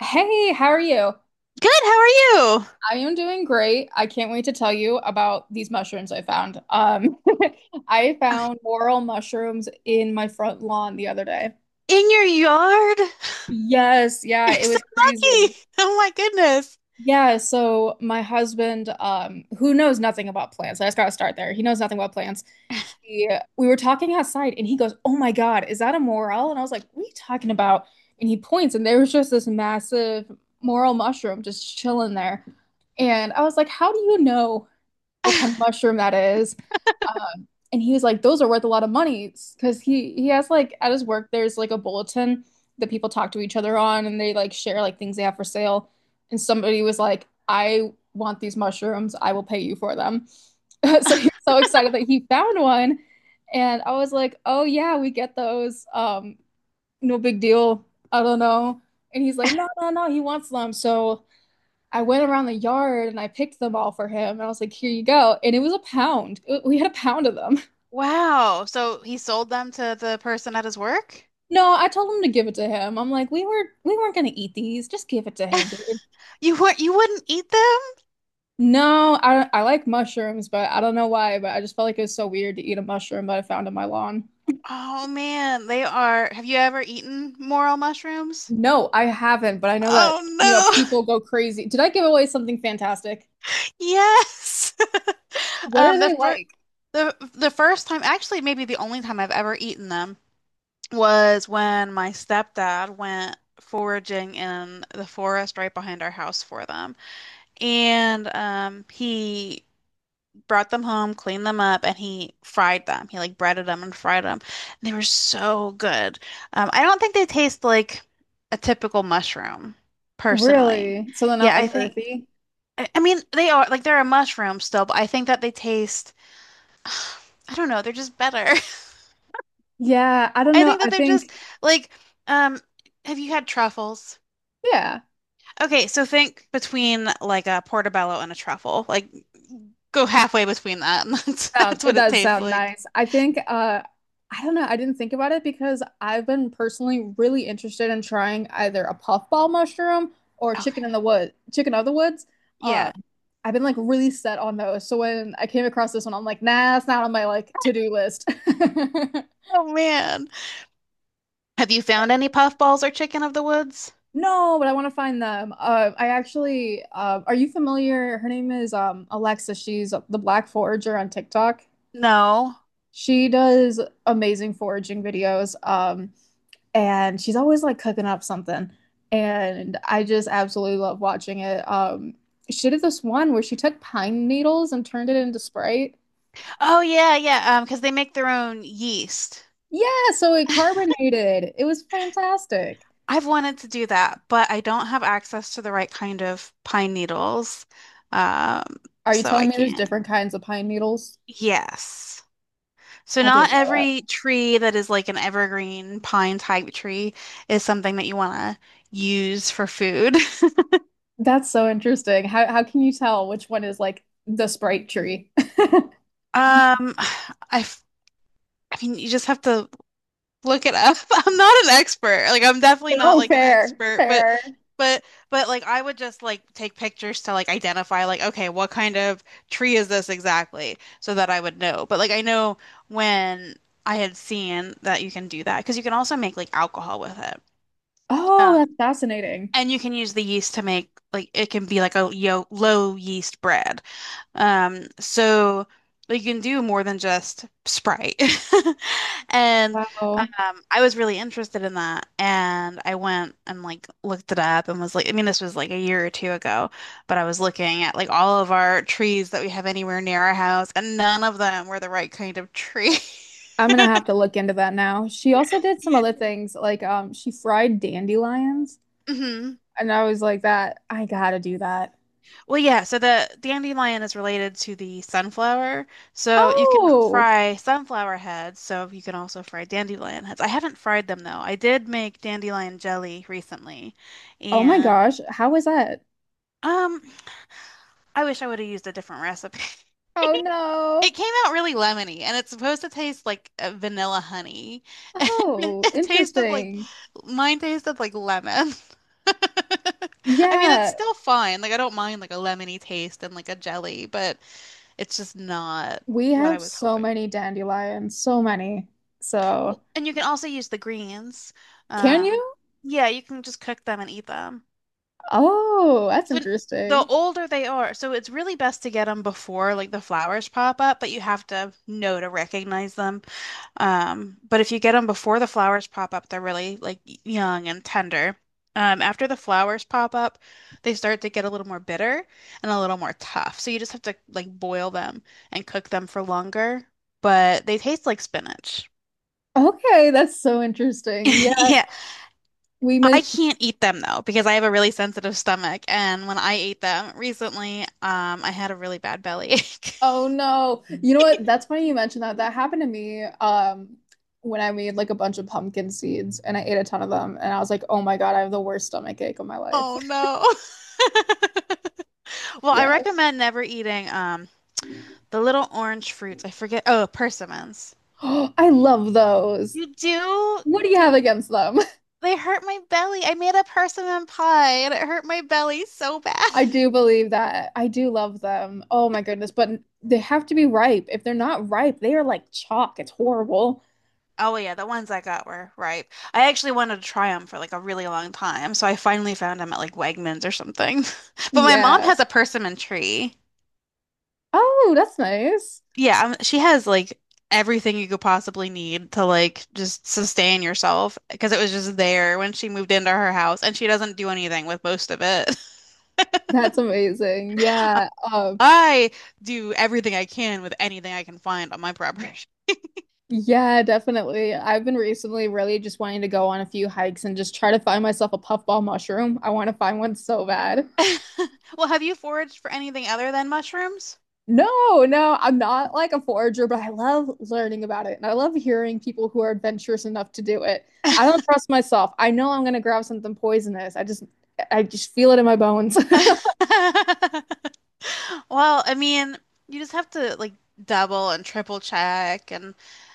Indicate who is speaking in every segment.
Speaker 1: Hey, how are you?
Speaker 2: Good. How are you?
Speaker 1: I am doing great. I can't wait to tell you about these mushrooms I found. I
Speaker 2: Okay.
Speaker 1: found morel mushrooms in my front lawn the other day.
Speaker 2: In your yard?
Speaker 1: Yes, yeah,
Speaker 2: You're
Speaker 1: it
Speaker 2: so
Speaker 1: was
Speaker 2: lucky.
Speaker 1: crazy.
Speaker 2: Oh my goodness.
Speaker 1: Yeah, so my husband, who knows nothing about plants, I just gotta start there. He knows nothing about plants. He, we were talking outside, and he goes, "Oh my God, is that a morel?" And I was like, "What are you talking about?" And he points, and there was just this massive morel mushroom just chilling there. And I was like, "How do you know what kind of mushroom that is?" And he was like, those are worth a lot of money because he has like at his work there's like a bulletin that people talk to each other on and they like share like things they have for sale. And somebody was like, I want these mushrooms. I will pay you for them. So he was so excited that he found one. And I was like, oh yeah, we get those. No big deal. I don't know. And he's like, no, no, no, he wants them. So I went around the yard and I picked them all for him. And I was like, here you go. And it was a pound. We had a pound of them.
Speaker 2: Wow. So he sold them to the person at his work?
Speaker 1: No, I told him to give it to him. I'm like, we weren't gonna eat these. Just give it to him, dude.
Speaker 2: You weren't, you wouldn't eat them?
Speaker 1: No, I like mushrooms, but I don't know why, but I just felt like it was so weird to eat a mushroom that I found in my lawn.
Speaker 2: Oh man, they are. Have you ever eaten morel mushrooms?
Speaker 1: No, I haven't, but I know that,
Speaker 2: Oh
Speaker 1: you know, people
Speaker 2: no.
Speaker 1: go crazy. Did I give away something fantastic?
Speaker 2: Yes.
Speaker 1: What are
Speaker 2: Um, the
Speaker 1: they
Speaker 2: first
Speaker 1: like?
Speaker 2: the first time, actually maybe the only time I've ever eaten them was when my stepdad went foraging in the forest right behind our house for them. And he brought them home, cleaned them up, and he fried them. He like breaded them and fried them. They were so good. I don't think they taste like a typical mushroom, personally.
Speaker 1: Really? So they're not
Speaker 2: Yeah, I
Speaker 1: like
Speaker 2: think,
Speaker 1: earthy?
Speaker 2: I, I mean, they are like they're a mushroom still, but I think that they taste, I don't know, they're just better.
Speaker 1: Yeah, I don't
Speaker 2: I
Speaker 1: know.
Speaker 2: think
Speaker 1: I
Speaker 2: that they're
Speaker 1: think,
Speaker 2: just like, um, have you had truffles?
Speaker 1: yeah.
Speaker 2: Okay, so think between like a portobello and a truffle. Like go halfway between that and that's
Speaker 1: Sound
Speaker 2: that's
Speaker 1: it
Speaker 2: what it
Speaker 1: does
Speaker 2: tastes
Speaker 1: sound
Speaker 2: like.
Speaker 1: nice. I think I don't know, I didn't think about it because I've been personally really interested in trying either a puffball mushroom or chicken
Speaker 2: Okay.
Speaker 1: in the wood, chicken of the woods. Uh
Speaker 2: Yeah.
Speaker 1: I've been like really set on those. So when I came across this one, I'm like, nah, that's not on my like to-do list.
Speaker 2: Oh man. Have you found any puffballs or chicken of the woods?
Speaker 1: No, but I want to find them. I actually, are you familiar? Her name is Alexa. She's the Black Forager on TikTok.
Speaker 2: No.
Speaker 1: She does amazing foraging videos. And she's always like cooking up something. And I just absolutely love watching it. She did this one where she took pine needles and turned it into Sprite.
Speaker 2: Oh yeah, yeah, because they make their own yeast.
Speaker 1: Yeah, so it carbonated. It was fantastic.
Speaker 2: I've wanted to do that, but I don't have access to the right kind of pine needles. Um,
Speaker 1: Are you
Speaker 2: so
Speaker 1: telling
Speaker 2: I
Speaker 1: me there's
Speaker 2: can't.
Speaker 1: different kinds of pine needles?
Speaker 2: Yes. So
Speaker 1: I didn't
Speaker 2: not
Speaker 1: know that.
Speaker 2: every tree that is like an evergreen pine type tree is something that you want to use for food.
Speaker 1: That's so interesting. How can you tell which one is like the Sprite tree?
Speaker 2: Um, I, f- I mean, you just have to look it up. I'm not an expert. Like, I'm definitely not
Speaker 1: Oh,
Speaker 2: like an
Speaker 1: fair,
Speaker 2: expert,
Speaker 1: fair.
Speaker 2: but, but like, I would just like take pictures to like identify like, okay, what kind of tree is this exactly, so that I would know. But like, I know when I had seen that you can do that because you can also make like alcohol with it.
Speaker 1: Oh, that's fascinating.
Speaker 2: And you can use the yeast to make like it can be like a yo low yeast bread. So like, you can do more than just Sprite. And
Speaker 1: Wow.
Speaker 2: I was really interested in that, and I went and like looked it up and was like, I mean, this was like a year or two ago, but I was looking at like all of our trees that we have anywhere near our house, and none of them were the right kind of tree.
Speaker 1: I'm gonna have to look into that now. She also did some
Speaker 2: Yeah.
Speaker 1: other things, like she fried dandelions,
Speaker 2: Mhm.
Speaker 1: and I was like, that I gotta do that.
Speaker 2: Well, yeah, so the dandelion is related to the sunflower. So you can
Speaker 1: Oh,
Speaker 2: fry sunflower heads, so you can also fry dandelion heads. I haven't fried them though. I did make dandelion jelly recently,
Speaker 1: oh my
Speaker 2: and
Speaker 1: gosh, how was that?
Speaker 2: um, I wish I would have used a different recipe.
Speaker 1: Oh no.
Speaker 2: It came out really lemony, and it's supposed to taste like vanilla honey.
Speaker 1: Oh,
Speaker 2: It tasted like
Speaker 1: interesting.
Speaker 2: mine tasted like lemon. I mean, it's
Speaker 1: Yeah,
Speaker 2: still fine. Like I don't mind like a lemony taste and like a jelly, but it's just not
Speaker 1: we
Speaker 2: what I
Speaker 1: have
Speaker 2: was
Speaker 1: so
Speaker 2: hoping.
Speaker 1: many dandelions, so many. So,
Speaker 2: Well, and you can also use the greens.
Speaker 1: can
Speaker 2: Um,
Speaker 1: you?
Speaker 2: yeah, you can just cook them and eat them.
Speaker 1: Oh, that's
Speaker 2: So the
Speaker 1: interesting.
Speaker 2: older they are, so it's really best to get them before like the flowers pop up, but you have to know to recognize them. But if you get them before the flowers pop up, they're really like young and tender. After the flowers pop up, they start to get a little more bitter and a little more tough. So you just have to like boil them and cook them for longer, but they taste like spinach.
Speaker 1: Okay, that's so interesting. Yeah,
Speaker 2: Yeah,
Speaker 1: we
Speaker 2: I
Speaker 1: might.
Speaker 2: can't eat them though because I have a really sensitive stomach, and when I ate them recently, I had a really bad belly ache.
Speaker 1: Oh no. You know what? That's funny you mentioned that. That happened to me when I made like a bunch of pumpkin seeds and I ate a ton of them and I was like, "Oh my God, I have the worst stomach ache of my life."
Speaker 2: Oh no. Well, I
Speaker 1: Yeah.
Speaker 2: recommend never eating the little orange fruits. I forget. Oh, persimmons.
Speaker 1: I love those.
Speaker 2: You do?
Speaker 1: What do you
Speaker 2: Th-
Speaker 1: have against them?
Speaker 2: They hurt my belly. I made a persimmon pie and it hurt my belly so bad.
Speaker 1: I do believe that. I do love them. Oh my goodness, but they have to be ripe. If they're not ripe, they are like chalk. It's horrible.
Speaker 2: Oh yeah, the ones I got were ripe. I actually wanted to try them for like a really long time, so I finally found them at like Wegmans or something. But my mom
Speaker 1: Yeah.
Speaker 2: has a persimmon tree.
Speaker 1: Oh, that's nice.
Speaker 2: Yeah, she has like everything you could possibly need to like just sustain yourself because it was just there when she moved into her house, and she doesn't do anything with most of it.
Speaker 1: That's amazing. Yeah.
Speaker 2: I do everything I can with anything I can find on my property.
Speaker 1: Yeah, definitely. I've been recently really just wanting to go on a few hikes and just try to find myself a puffball mushroom. I want to find one so bad.
Speaker 2: Well, have you foraged for anything other than mushrooms?
Speaker 1: No, no, I'm not like a forager, but I love learning about it and I love hearing people who are adventurous enough to do it. I don't trust myself. I know I'm gonna grab something poisonous. I just feel it in my bones.
Speaker 2: Well, I mean, you just have to like double and triple check and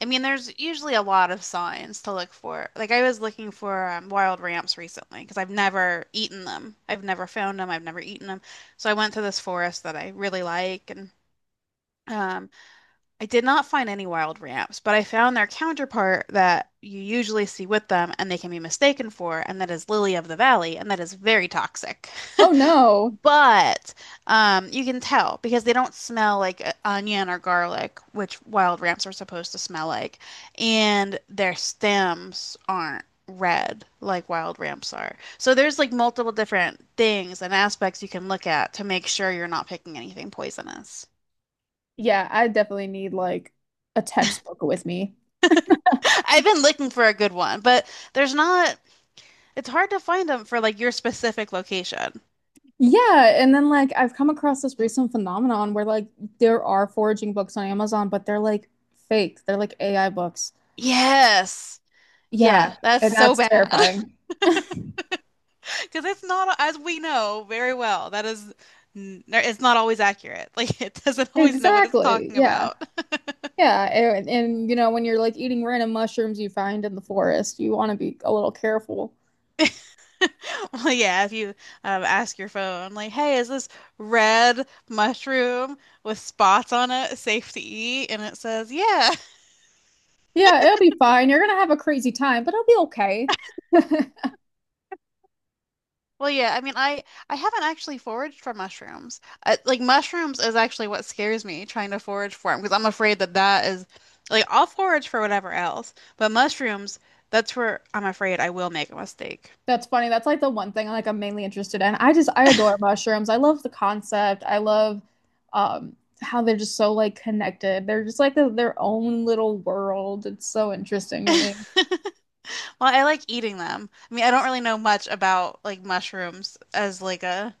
Speaker 2: I mean there's usually a lot of signs to look for. Like I was looking for wild ramps recently because I've never eaten them. I've never found them. I've never eaten them. So I went to this forest that I really like and um I did not find any wild ramps, but I found their counterpart that you usually see with them and they can be mistaken for and that is lily of the valley and that is very toxic.
Speaker 1: Oh no.
Speaker 2: But you can tell because they don't smell like onion or garlic, which wild ramps are supposed to smell like, and their stems aren't red like wild ramps are. So there's like multiple different things and aspects you can look at to make sure you're not picking anything poisonous.
Speaker 1: Yeah, I definitely need like a textbook with me.
Speaker 2: I've been looking for a good one, but there's not, it's hard to find them for like your specific location.
Speaker 1: Yeah, and then like I've come across this recent phenomenon where like there are foraging books on Amazon, but they're like fake. They're like AI books.
Speaker 2: Yes. Yeah,
Speaker 1: Yeah,
Speaker 2: that's
Speaker 1: and
Speaker 2: so
Speaker 1: that's
Speaker 2: bad.
Speaker 1: terrifying.
Speaker 2: Because it's not, as we know very well, that is, it's not always accurate. Like it doesn't always know what it's
Speaker 1: Exactly.
Speaker 2: talking
Speaker 1: Yeah.
Speaker 2: about.
Speaker 1: Yeah, and you know when you're like eating random mushrooms you find in the forest, you want to be a little careful.
Speaker 2: Well, yeah, if you ask your phone, like, hey, is this red mushroom with spots on it safe to eat? And it says, yeah.
Speaker 1: Yeah, it'll be fine. You're gonna have a crazy time, but it'll be okay.
Speaker 2: Well, yeah, I mean, I haven't actually foraged for mushrooms. I, like mushrooms is actually what scares me trying to forage for them because I'm afraid that is like I'll forage for whatever else, but mushrooms, that's where I'm afraid I will make a mistake.
Speaker 1: That's funny. That's like the one thing like I'm mainly interested in. I adore mushrooms. I love the concept. I love um how they're just so like connected. They're just like their own little world. It's so interesting to me.
Speaker 2: Well, I like eating them. I mean, I don't really know much about like mushrooms as like a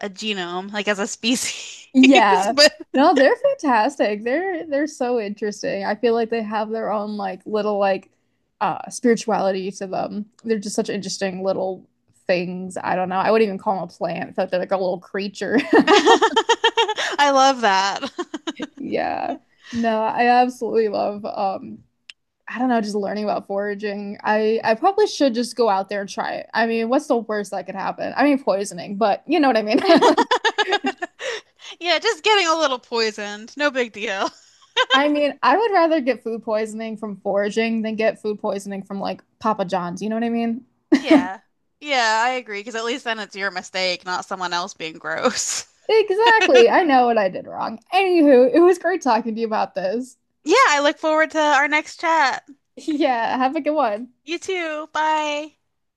Speaker 2: a genome, like as a species,
Speaker 1: Yeah.
Speaker 2: but
Speaker 1: No, they're fantastic. They're so interesting. I feel like they have their own like little like spirituality to them. They're just such interesting little things. I don't know. I wouldn't even call them a plant. I feel like they're like a little creature.
Speaker 2: I love that.
Speaker 1: Yeah. No, I absolutely love I don't know, just learning about foraging. I probably should just go out there and try it. I mean, what's the worst that could happen? I mean, poisoning, but you know what I mean? Like,
Speaker 2: Yeah, just getting a little poisoned. No big deal.
Speaker 1: I mean, I would rather get food poisoning from foraging than get food poisoning from like Papa John's. You know what I mean?
Speaker 2: Yeah. Yeah, I agree, because at least then it's your mistake, not someone else being gross.
Speaker 1: Exactly. I know what I did wrong. Anywho, it was great talking to you about this.
Speaker 2: Yeah, I look forward to our next chat.
Speaker 1: Yeah, have a good one.
Speaker 2: You too. Bye.